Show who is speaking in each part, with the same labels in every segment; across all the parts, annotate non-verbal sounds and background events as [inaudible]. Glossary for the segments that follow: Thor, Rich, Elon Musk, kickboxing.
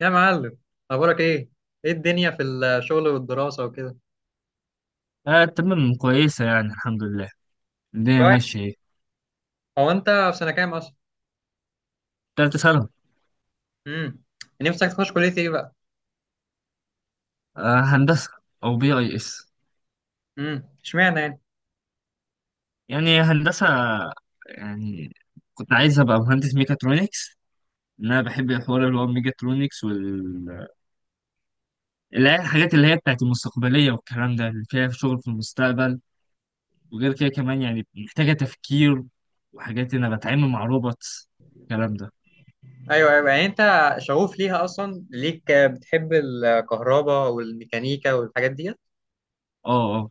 Speaker 1: يا معلم، أنا بقولك إيه. إيه الدنيا في الشغل والدراسة وكده؟
Speaker 2: آه، تمام كويسة يعني الحمد لله. الدنيا
Speaker 1: كويس.
Speaker 2: ماشية ايه.
Speaker 1: هو أنت في سنة كام أصلا؟
Speaker 2: تالتة سنة.
Speaker 1: امم نفسك تخش كلية إيه بقى؟
Speaker 2: آه هندسة. أو بي أي إس.
Speaker 1: إشمعنى يعني؟
Speaker 2: يعني هندسة يعني كنت عايز أبقى مهندس ميكاترونكس. إن أنا بحب الحوار اللي هو الميكاترونكس وال اللي هي الحاجات اللي هي بتاعت المستقبلية والكلام ده اللي فيها شغل في المستقبل. وغير كده كمان يعني محتاجة تفكير وحاجات إن أنا بتعامل مع روبوتس الكلام ده.
Speaker 1: أيوه أيوه، يعني أنت شغوف ليها أصلا، ليك بتحب الكهرباء والميكانيكا والحاجات دي؟
Speaker 2: اه اه.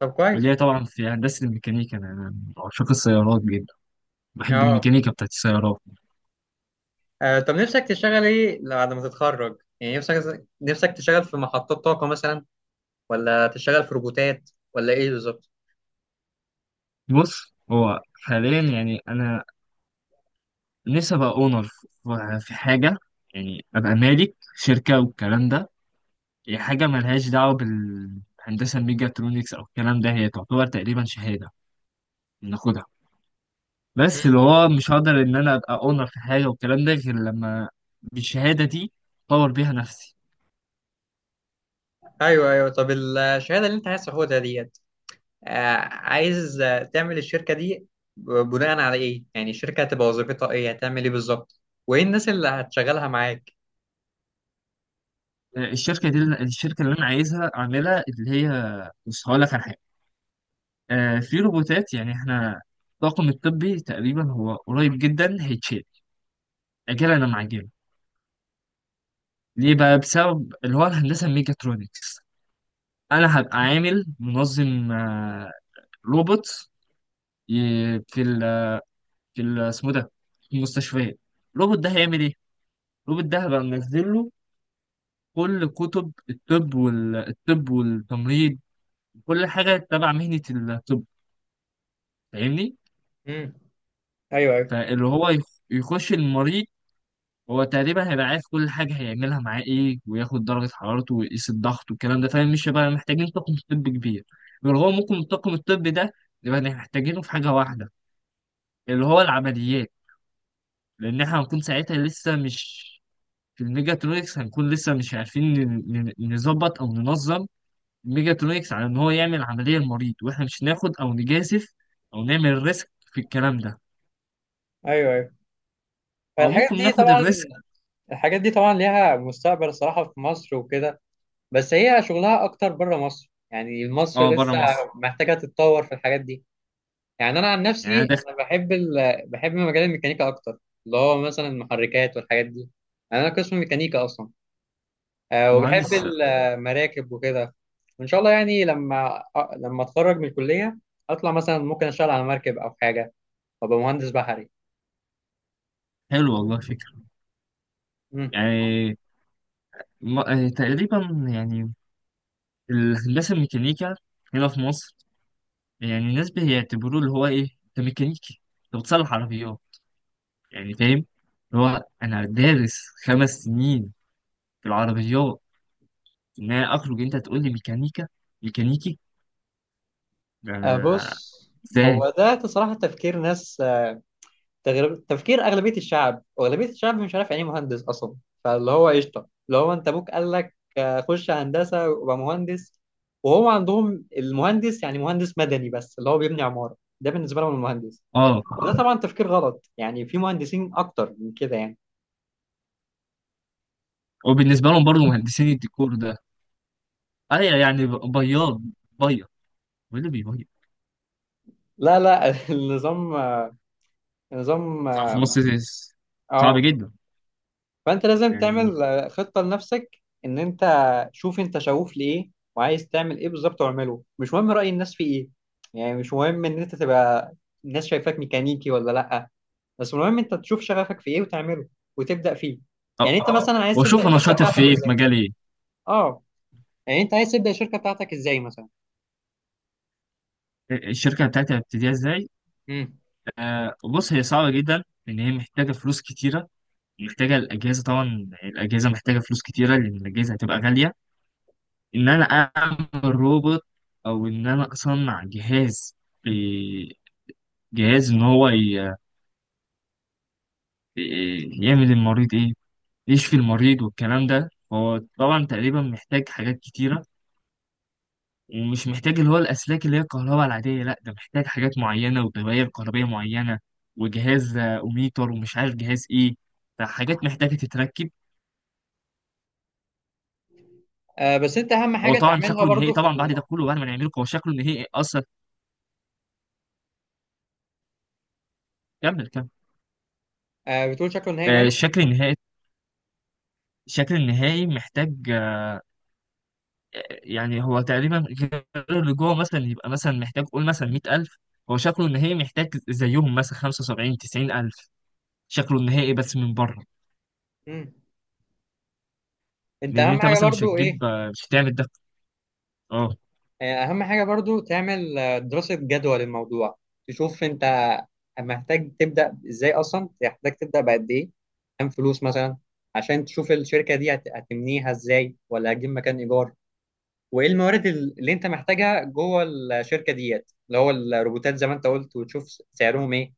Speaker 1: طب
Speaker 2: واللي
Speaker 1: كويس.
Speaker 2: هي طبعا في هندسة الميكانيكا أنا من عشاق السيارات جدا. بحب
Speaker 1: أه
Speaker 2: الميكانيكا بتاعت السيارات.
Speaker 1: آه، طب نفسك تشتغل إيه بعد ما تتخرج؟ يعني نفسك تشتغل في محطات طاقة مثلا، ولا تشتغل في روبوتات، ولا إيه بالظبط؟
Speaker 2: بص هو حاليا يعني انا نفسي ابقى اونر في حاجه، يعني ابقى مالك شركه والكلام ده. هي حاجه ملهاش دعوه بالهندسه الميجاترونكس او الكلام ده، هي تعتبر تقريبا شهاده بناخدها.
Speaker 1: مم.
Speaker 2: بس اللي هو مش هقدر ان انا ابقى اونر في حاجه والكلام ده غير لما بالشهاده دي اطور بيها نفسي.
Speaker 1: أيوه أيوه، طب الشهادة اللي أنت عايز تاخدها دي، عايز تعمل الشركة دي بناء على ايه؟ يعني الشركة هتبقى وظيفتها ايه، هتعمل ايه بالظبط، وايه الناس اللي هتشغلها معاك؟
Speaker 2: الشركه دي، الشركه اللي انا عايزها اعملها اللي هي، بص هقول لك على حاجه. في روبوتات، يعني احنا الطاقم الطبي تقريبا هو قريب جدا هيتشال. اجل انا معجبه. ليه بقى؟ بسبب اللي هو الهندسه الميكاترونكس. انا هبقى عامل منظم، روبوت في ال اسمه ده، في المستشفيات. الروبوت ده هيعمل ايه؟ الروبوت ده هبقى منزل له كل كتب الطب والطب والتمريض، كل حاجه تبع مهنه الطب. فاهمني؟
Speaker 1: امم ايوه ايوه
Speaker 2: فاللي هو يخش المريض، هو تقريبا هيبقى عارف كل حاجة هيعملها معاه ايه، وياخد درجة حرارته ويقيس الضغط والكلام ده، فاهم؟ مش هيبقى محتاجين طاقم طبي كبير. غير هو ممكن الطاقم الطبي ده نبقى محتاجينه في حاجة واحدة اللي هو العمليات، لأن احنا هنكون ساعتها لسه مش، في الميجاترونكس هنكون لسه مش عارفين نظبط أو ننظم الميجاترونكس على إن هو يعمل عملية لمريض، واحنا مش ناخد أو نجازف أو نعمل ريسك في الكلام ده.
Speaker 1: ايوه ايوه.
Speaker 2: أو
Speaker 1: الحاجات
Speaker 2: ممكن
Speaker 1: دي
Speaker 2: ناخد
Speaker 1: طبعا
Speaker 2: الريسك.
Speaker 1: الحاجات دي طبعا ليها مستقبل الصراحه في مصر وكده، بس هي شغلها اكتر بره مصر، يعني مصر
Speaker 2: اه بره
Speaker 1: لسه
Speaker 2: مصر.
Speaker 1: محتاجه تتطور في الحاجات دي. يعني انا عن
Speaker 2: يعني أنا
Speaker 1: نفسي
Speaker 2: داخل
Speaker 1: انا بحب بحب مجال الميكانيكا اكتر، اللي هو مثلا المحركات والحاجات دي. يعني انا قسم ميكانيكا اصلا، وبحب
Speaker 2: مهندس.
Speaker 1: المراكب وكده. وان شاء الله يعني لما اتخرج من الكليه، اطلع مثلا ممكن اشتغل على مركب او حاجه، وابقى مهندس بحري.
Speaker 2: حلو والله فكرة.
Speaker 1: مم.
Speaker 2: يعني تقريبا يعني الهندسة الميكانيكا هنا في مصر، يعني الناس بيعتبروه اللي هو إيه، أنت ميكانيكي، أنت بتصلح عربيات. يعني فاهم؟ اللي هو أنا دارس خمس سنين في العربيات، إن أنا أخرج أنت تقول لي ميكانيكا، ميكانيكي، ده أنا
Speaker 1: بص،
Speaker 2: إزاي؟
Speaker 1: هو ده صراحه تفكير ناس، تفكير اغلبيه الشعب، واغلبيه الشعب مش عارف يعني ايه مهندس اصلا. فاللي هو قشطه، اللي هو انت ابوك قال لك خش هندسه وابقى مهندس. وهو عندهم المهندس يعني مهندس مدني بس، اللي هو بيبني عماره، ده بالنسبه لهم المهندس.
Speaker 2: أه.
Speaker 1: وده طبعا تفكير غلط، يعني في مهندسين اكتر من كده يعني.
Speaker 2: وبالنسبة لهم برضه مهندسين الديكور ده، أيوة يعني بياض بياض، هو اللي بيبيض
Speaker 1: لا لا [laughs] النظام. النظام.
Speaker 2: في مصر. صعب
Speaker 1: اه.
Speaker 2: جدا
Speaker 1: فانت لازم
Speaker 2: يعني.
Speaker 1: تعمل خطه لنفسك، ان انت شوف انت شغوف لايه، وعايز تعمل ايه بالظبط، واعمله. مش مهم راي الناس في ايه، يعني مش مهم ان انت تبقى الناس شايفاك ميكانيكي ولا لا، بس المهم انت تشوف شغفك في ايه وتعمله وتبدا فيه.
Speaker 2: أه
Speaker 1: يعني انت مثلا عايز
Speaker 2: وأشوف
Speaker 1: تبدا
Speaker 2: أنا
Speaker 1: الشركه
Speaker 2: شاطر في
Speaker 1: بتاعتك
Speaker 2: إيه، في
Speaker 1: ازاي؟
Speaker 2: مجال إيه.
Speaker 1: اه يعني انت عايز تبدا الشركه بتاعتك ازاي مثلا؟
Speaker 2: الشركة بتاعتي هبتديها ازاي؟
Speaker 1: امم
Speaker 2: آه بص، هي صعبة جدا لأن هي محتاجة فلوس كتيرة. محتاجة الأجهزة، طبعا الأجهزة محتاجة فلوس كتيرة لأن الأجهزة هتبقى غالية. إن أنا أعمل روبوت، أو إن أنا أصنع جهاز، ب- جهاز إن هو يعمل المريض إيه؟ يشفي المريض والكلام ده. هو طبعا تقريبا محتاج حاجات كتيرة، ومش محتاج اللي هو الأسلاك اللي هي الكهرباء العادية، لأ ده محتاج حاجات معينة ودوائر كهربية معينة، وجهاز أوميتر ومش عارف جهاز إيه. فحاجات محتاجة تتركب.
Speaker 1: بس انت اهم
Speaker 2: هو
Speaker 1: حاجه
Speaker 2: طبعا
Speaker 1: تعملها
Speaker 2: شكله النهائي،
Speaker 1: برضو
Speaker 2: طبعا بعد ده كله بعد ما نعمله هو شكله النهائي أصلا. كمل كمل.
Speaker 1: آه، بتقول شكله نهائي ماله؟
Speaker 2: الشكل النهائي، الشكل النهائي محتاج، يعني هو تقريبا غير اللي جوه مثلا، يبقى مثلا محتاج قول مثلا 100,000. هو شكله النهائي محتاج زيهم مثلا 75 90,000، شكله النهائي بس من بره.
Speaker 1: امم انت
Speaker 2: لأن
Speaker 1: اهم
Speaker 2: أنت
Speaker 1: حاجه
Speaker 2: مثلا مش
Speaker 1: برضو ايه؟
Speaker 2: هتجيب، مش هتعمل ده. اه.
Speaker 1: اهم حاجه برضو تعمل دراسه جدوى للموضوع، تشوف انت محتاج تبدا ازاي اصلا، محتاج تبدا بقد ايه، كام فلوس مثلا، عشان تشوف الشركه دي هتبنيها ازاي، ولا هتجيب مكان ايجار. وايه الموارد اللي انت محتاجها جوه الشركه ديت، اللي هو الروبوتات زي ما انت قلت، وتشوف سعرهم ايه،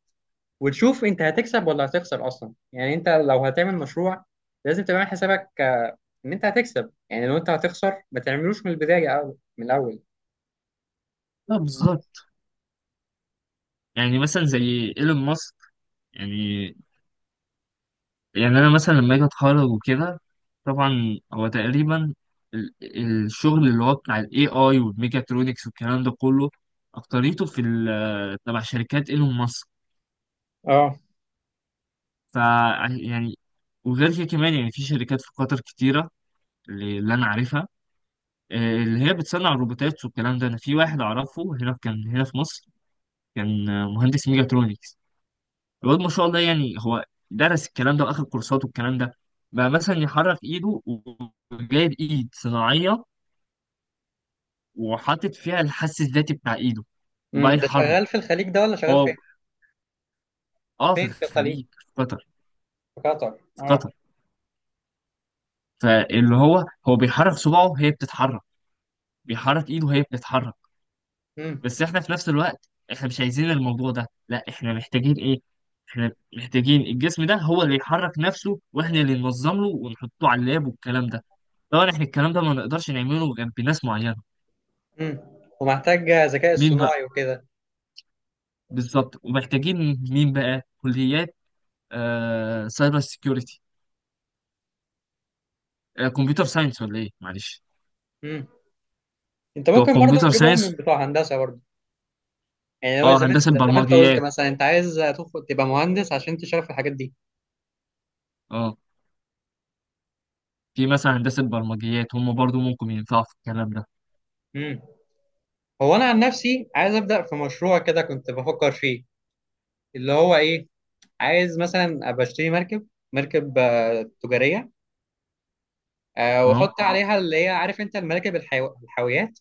Speaker 1: وتشوف انت هتكسب ولا هتخسر اصلا. يعني انت لو هتعمل مشروع لازم تعمل حسابك ان انت هتكسب، يعني لو انت هتخسر ما تعملوش من البدايه أو من الاول.
Speaker 2: لا بالظبط. يعني مثلا زي ايلون ماسك. يعني يعني انا مثلا لما اجي اتخرج وكده، طبعا هو تقريبا ال- الشغل اللي هو بتاع الاي اي والميكاترونكس والكلام ده كله، اكتريته في ال تبع شركات ايلون ماسك.
Speaker 1: اه.
Speaker 2: ف يعني. وغير كده كمان يعني في شركات في قطر كتيرة، اللي انا عارفها، اللي هي بتصنع الروبوتات والكلام ده. انا في واحد اعرفه هنا في، كان هنا في مصر. كان مهندس ميكاترونكس. الواد ما شاء الله يعني هو درس الكلام ده واخد كورسات والكلام ده، بقى مثلا يحرك ايده، وجايب ايد صناعيه وحاطط فيها الحس الذاتي بتاع ايده، وبقى
Speaker 1: ده
Speaker 2: يحرك.
Speaker 1: شغال في الخليج ده ولا شغال
Speaker 2: هو
Speaker 1: فين؟
Speaker 2: اه في
Speaker 1: فين في الخليج؟
Speaker 2: الخليج في قطر.
Speaker 1: في قطر.
Speaker 2: في
Speaker 1: اه.
Speaker 2: قطر. فاللي هو هو بيحرك صباعه هي بتتحرك، بيحرك ايده هي بتتحرك.
Speaker 1: امم
Speaker 2: بس احنا في نفس الوقت احنا مش عايزين الموضوع ده، لا احنا محتاجين ايه، احنا محتاجين الجسم ده هو اللي يحرك نفسه، واحنا اللي ننظم له ونحطه على اللاب والكلام ده. طبعا احنا الكلام ده ما نقدرش نعمله غير بناس معينة.
Speaker 1: امم ومحتاج ذكاء
Speaker 2: مين بقى؟
Speaker 1: اصطناعي وكده.
Speaker 2: بالظبط ومحتاجين، مين بقى؟ كليات آه سايبر سيكيورتي، آه كمبيوتر ساينس ولا ايه، معلش.
Speaker 1: امم انت
Speaker 2: بتوع
Speaker 1: ممكن برضو
Speaker 2: كمبيوتر
Speaker 1: تجيبهم من
Speaker 2: ساينس.
Speaker 1: بتوع هندسه برضو. يعني لو
Speaker 2: اه
Speaker 1: زمان
Speaker 2: هندسة
Speaker 1: زي ما انت قلت
Speaker 2: برمجيات.
Speaker 1: مثلا، انت عايز تدخل تبقى مهندس عشان تشتغل في الحاجات دي.
Speaker 2: اه، في مثلا هندسة برمجيات هم برضو ممكن ينفعوا في الكلام ده.
Speaker 1: امم هو انا عن نفسي عايز ابدا في مشروع كده، كنت بفكر فيه، اللي هو ايه، عايز مثلا ابقى اشتري مركب تجاريه،
Speaker 2: اه
Speaker 1: واحط عليها اللي هي عارف انت المراكب الحاويات.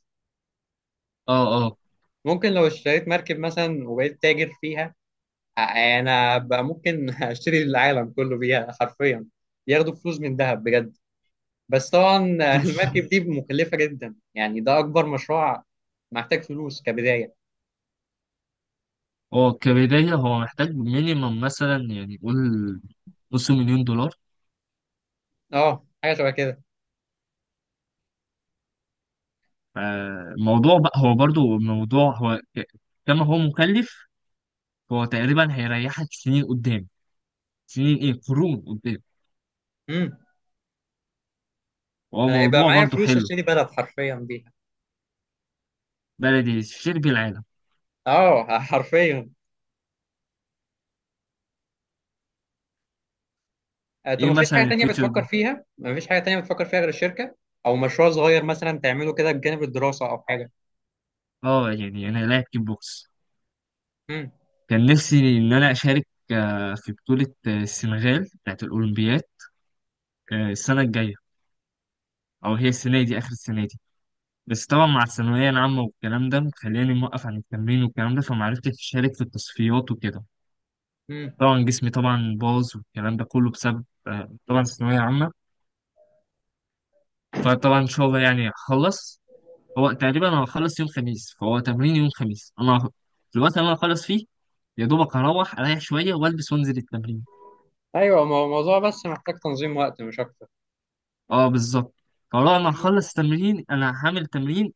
Speaker 2: اه اه.
Speaker 1: ممكن لو اشتريت مركب مثلا وبقيت تاجر فيها، انا بقى ممكن [laughs] اشتري العالم كله بيها حرفيا، ياخدوا فلوس من دهب بجد. بس طبعا [laughs]
Speaker 2: مش-
Speaker 1: المركب دي مكلفة جدا، يعني ده اكبر مشروع، محتاج فلوس كبداية.
Speaker 2: هو كبداية هو محتاج مينيمم مثلا، يعني قول نص مليون دولار.
Speaker 1: اه، حاجة شبه كده.
Speaker 2: فالموضوع بقى هو برضو الموضوع هو كما هو مكلف، هو تقريبا هيريحك سنين قدام، سنين ايه، قرون قدام.
Speaker 1: امم
Speaker 2: هو
Speaker 1: انا يبقى
Speaker 2: موضوع
Speaker 1: معايا
Speaker 2: برضو
Speaker 1: فلوس
Speaker 2: حلو.
Speaker 1: اشتري بلد حرفيا بيها.
Speaker 2: بلدي شرب العالم.
Speaker 1: اه [laughs] حرفيا. طب
Speaker 2: ايه مثلا الفيتشر
Speaker 1: مفيش حاجة تانية بتفكر فيها غير الشركة، او مشروع صغير مثلا تعمله كده بجانب الدراسة او حاجة.
Speaker 2: اه يعني انا لاعب كيك بوكس.
Speaker 1: امم
Speaker 2: كان نفسي ان انا اشارك في بطولة السنغال بتاعت الاولمبياد، السنة الجاية، او هي السنة دي، اخر السنة دي. بس طبعا مع الثانوية العامة والكلام ده خلاني موقف عن التمرين والكلام ده، فمعرفتش أشارك في التصفيات وكده.
Speaker 1: امم
Speaker 2: طبعا جسمي طبعا باظ والكلام ده كله بسبب، طبعا الثانوية عامة. فطبعا إن شاء الله يعني هخلص. هو تقريبا أنا هخلص يوم خميس، فهو تمرين يوم خميس أنا في الوقت اللي أنا هخلص فيه، يا دوبك هروح أريح شوية وألبس وأنزل التمرين.
Speaker 1: ايوه، ما هو الموضوع بس محتاج تنظيم وقت مش اكتر.
Speaker 2: أه بالظبط. فلو أنا هخلص التمرين أنا هعمل تمرين.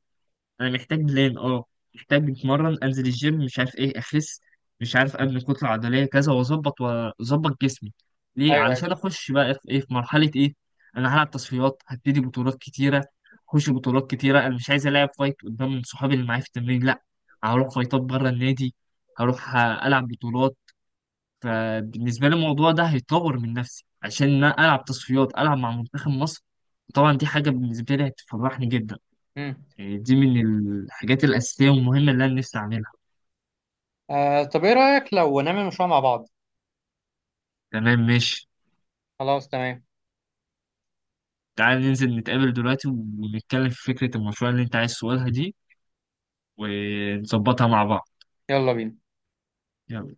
Speaker 2: انا محتاج بلان اه، محتاج اتمرن انزل الجيم مش عارف ايه، اخس، مش عارف ابني كتله عضليه كذا، واظبط واظبط جسمي. ليه؟
Speaker 1: ايوه ايوه.
Speaker 2: علشان اخش بقى في ايه، في مرحله ايه. انا هلعب تصفيات، هبتدي بطولات كتيره، اخش بطولات كتيره. انا مش عايز العب فايت قدام صحابي اللي معايا في التمرين، لا، هروح فايتات بره النادي، هروح العب بطولات. فبالنسبه لي الموضوع ده هيطور من نفسي عشان انا العب تصفيات العب مع منتخب مصر، طبعا دي حاجه بالنسبه لي هتفرحني جدا.
Speaker 1: امم
Speaker 2: يعني دي من الحاجات الأساسية والمهمة اللي أنا نفسي أعملها.
Speaker 1: طب ايه رأيك لو نعمل مشروع مع بعض؟
Speaker 2: تمام ماشي.
Speaker 1: خلاص تمام.
Speaker 2: تعال ننزل نتقابل دلوقتي ونتكلم في فكرة المشروع اللي أنت عايز تقولها دي، ونظبطها مع بعض.
Speaker 1: يلا بينا.
Speaker 2: يلا.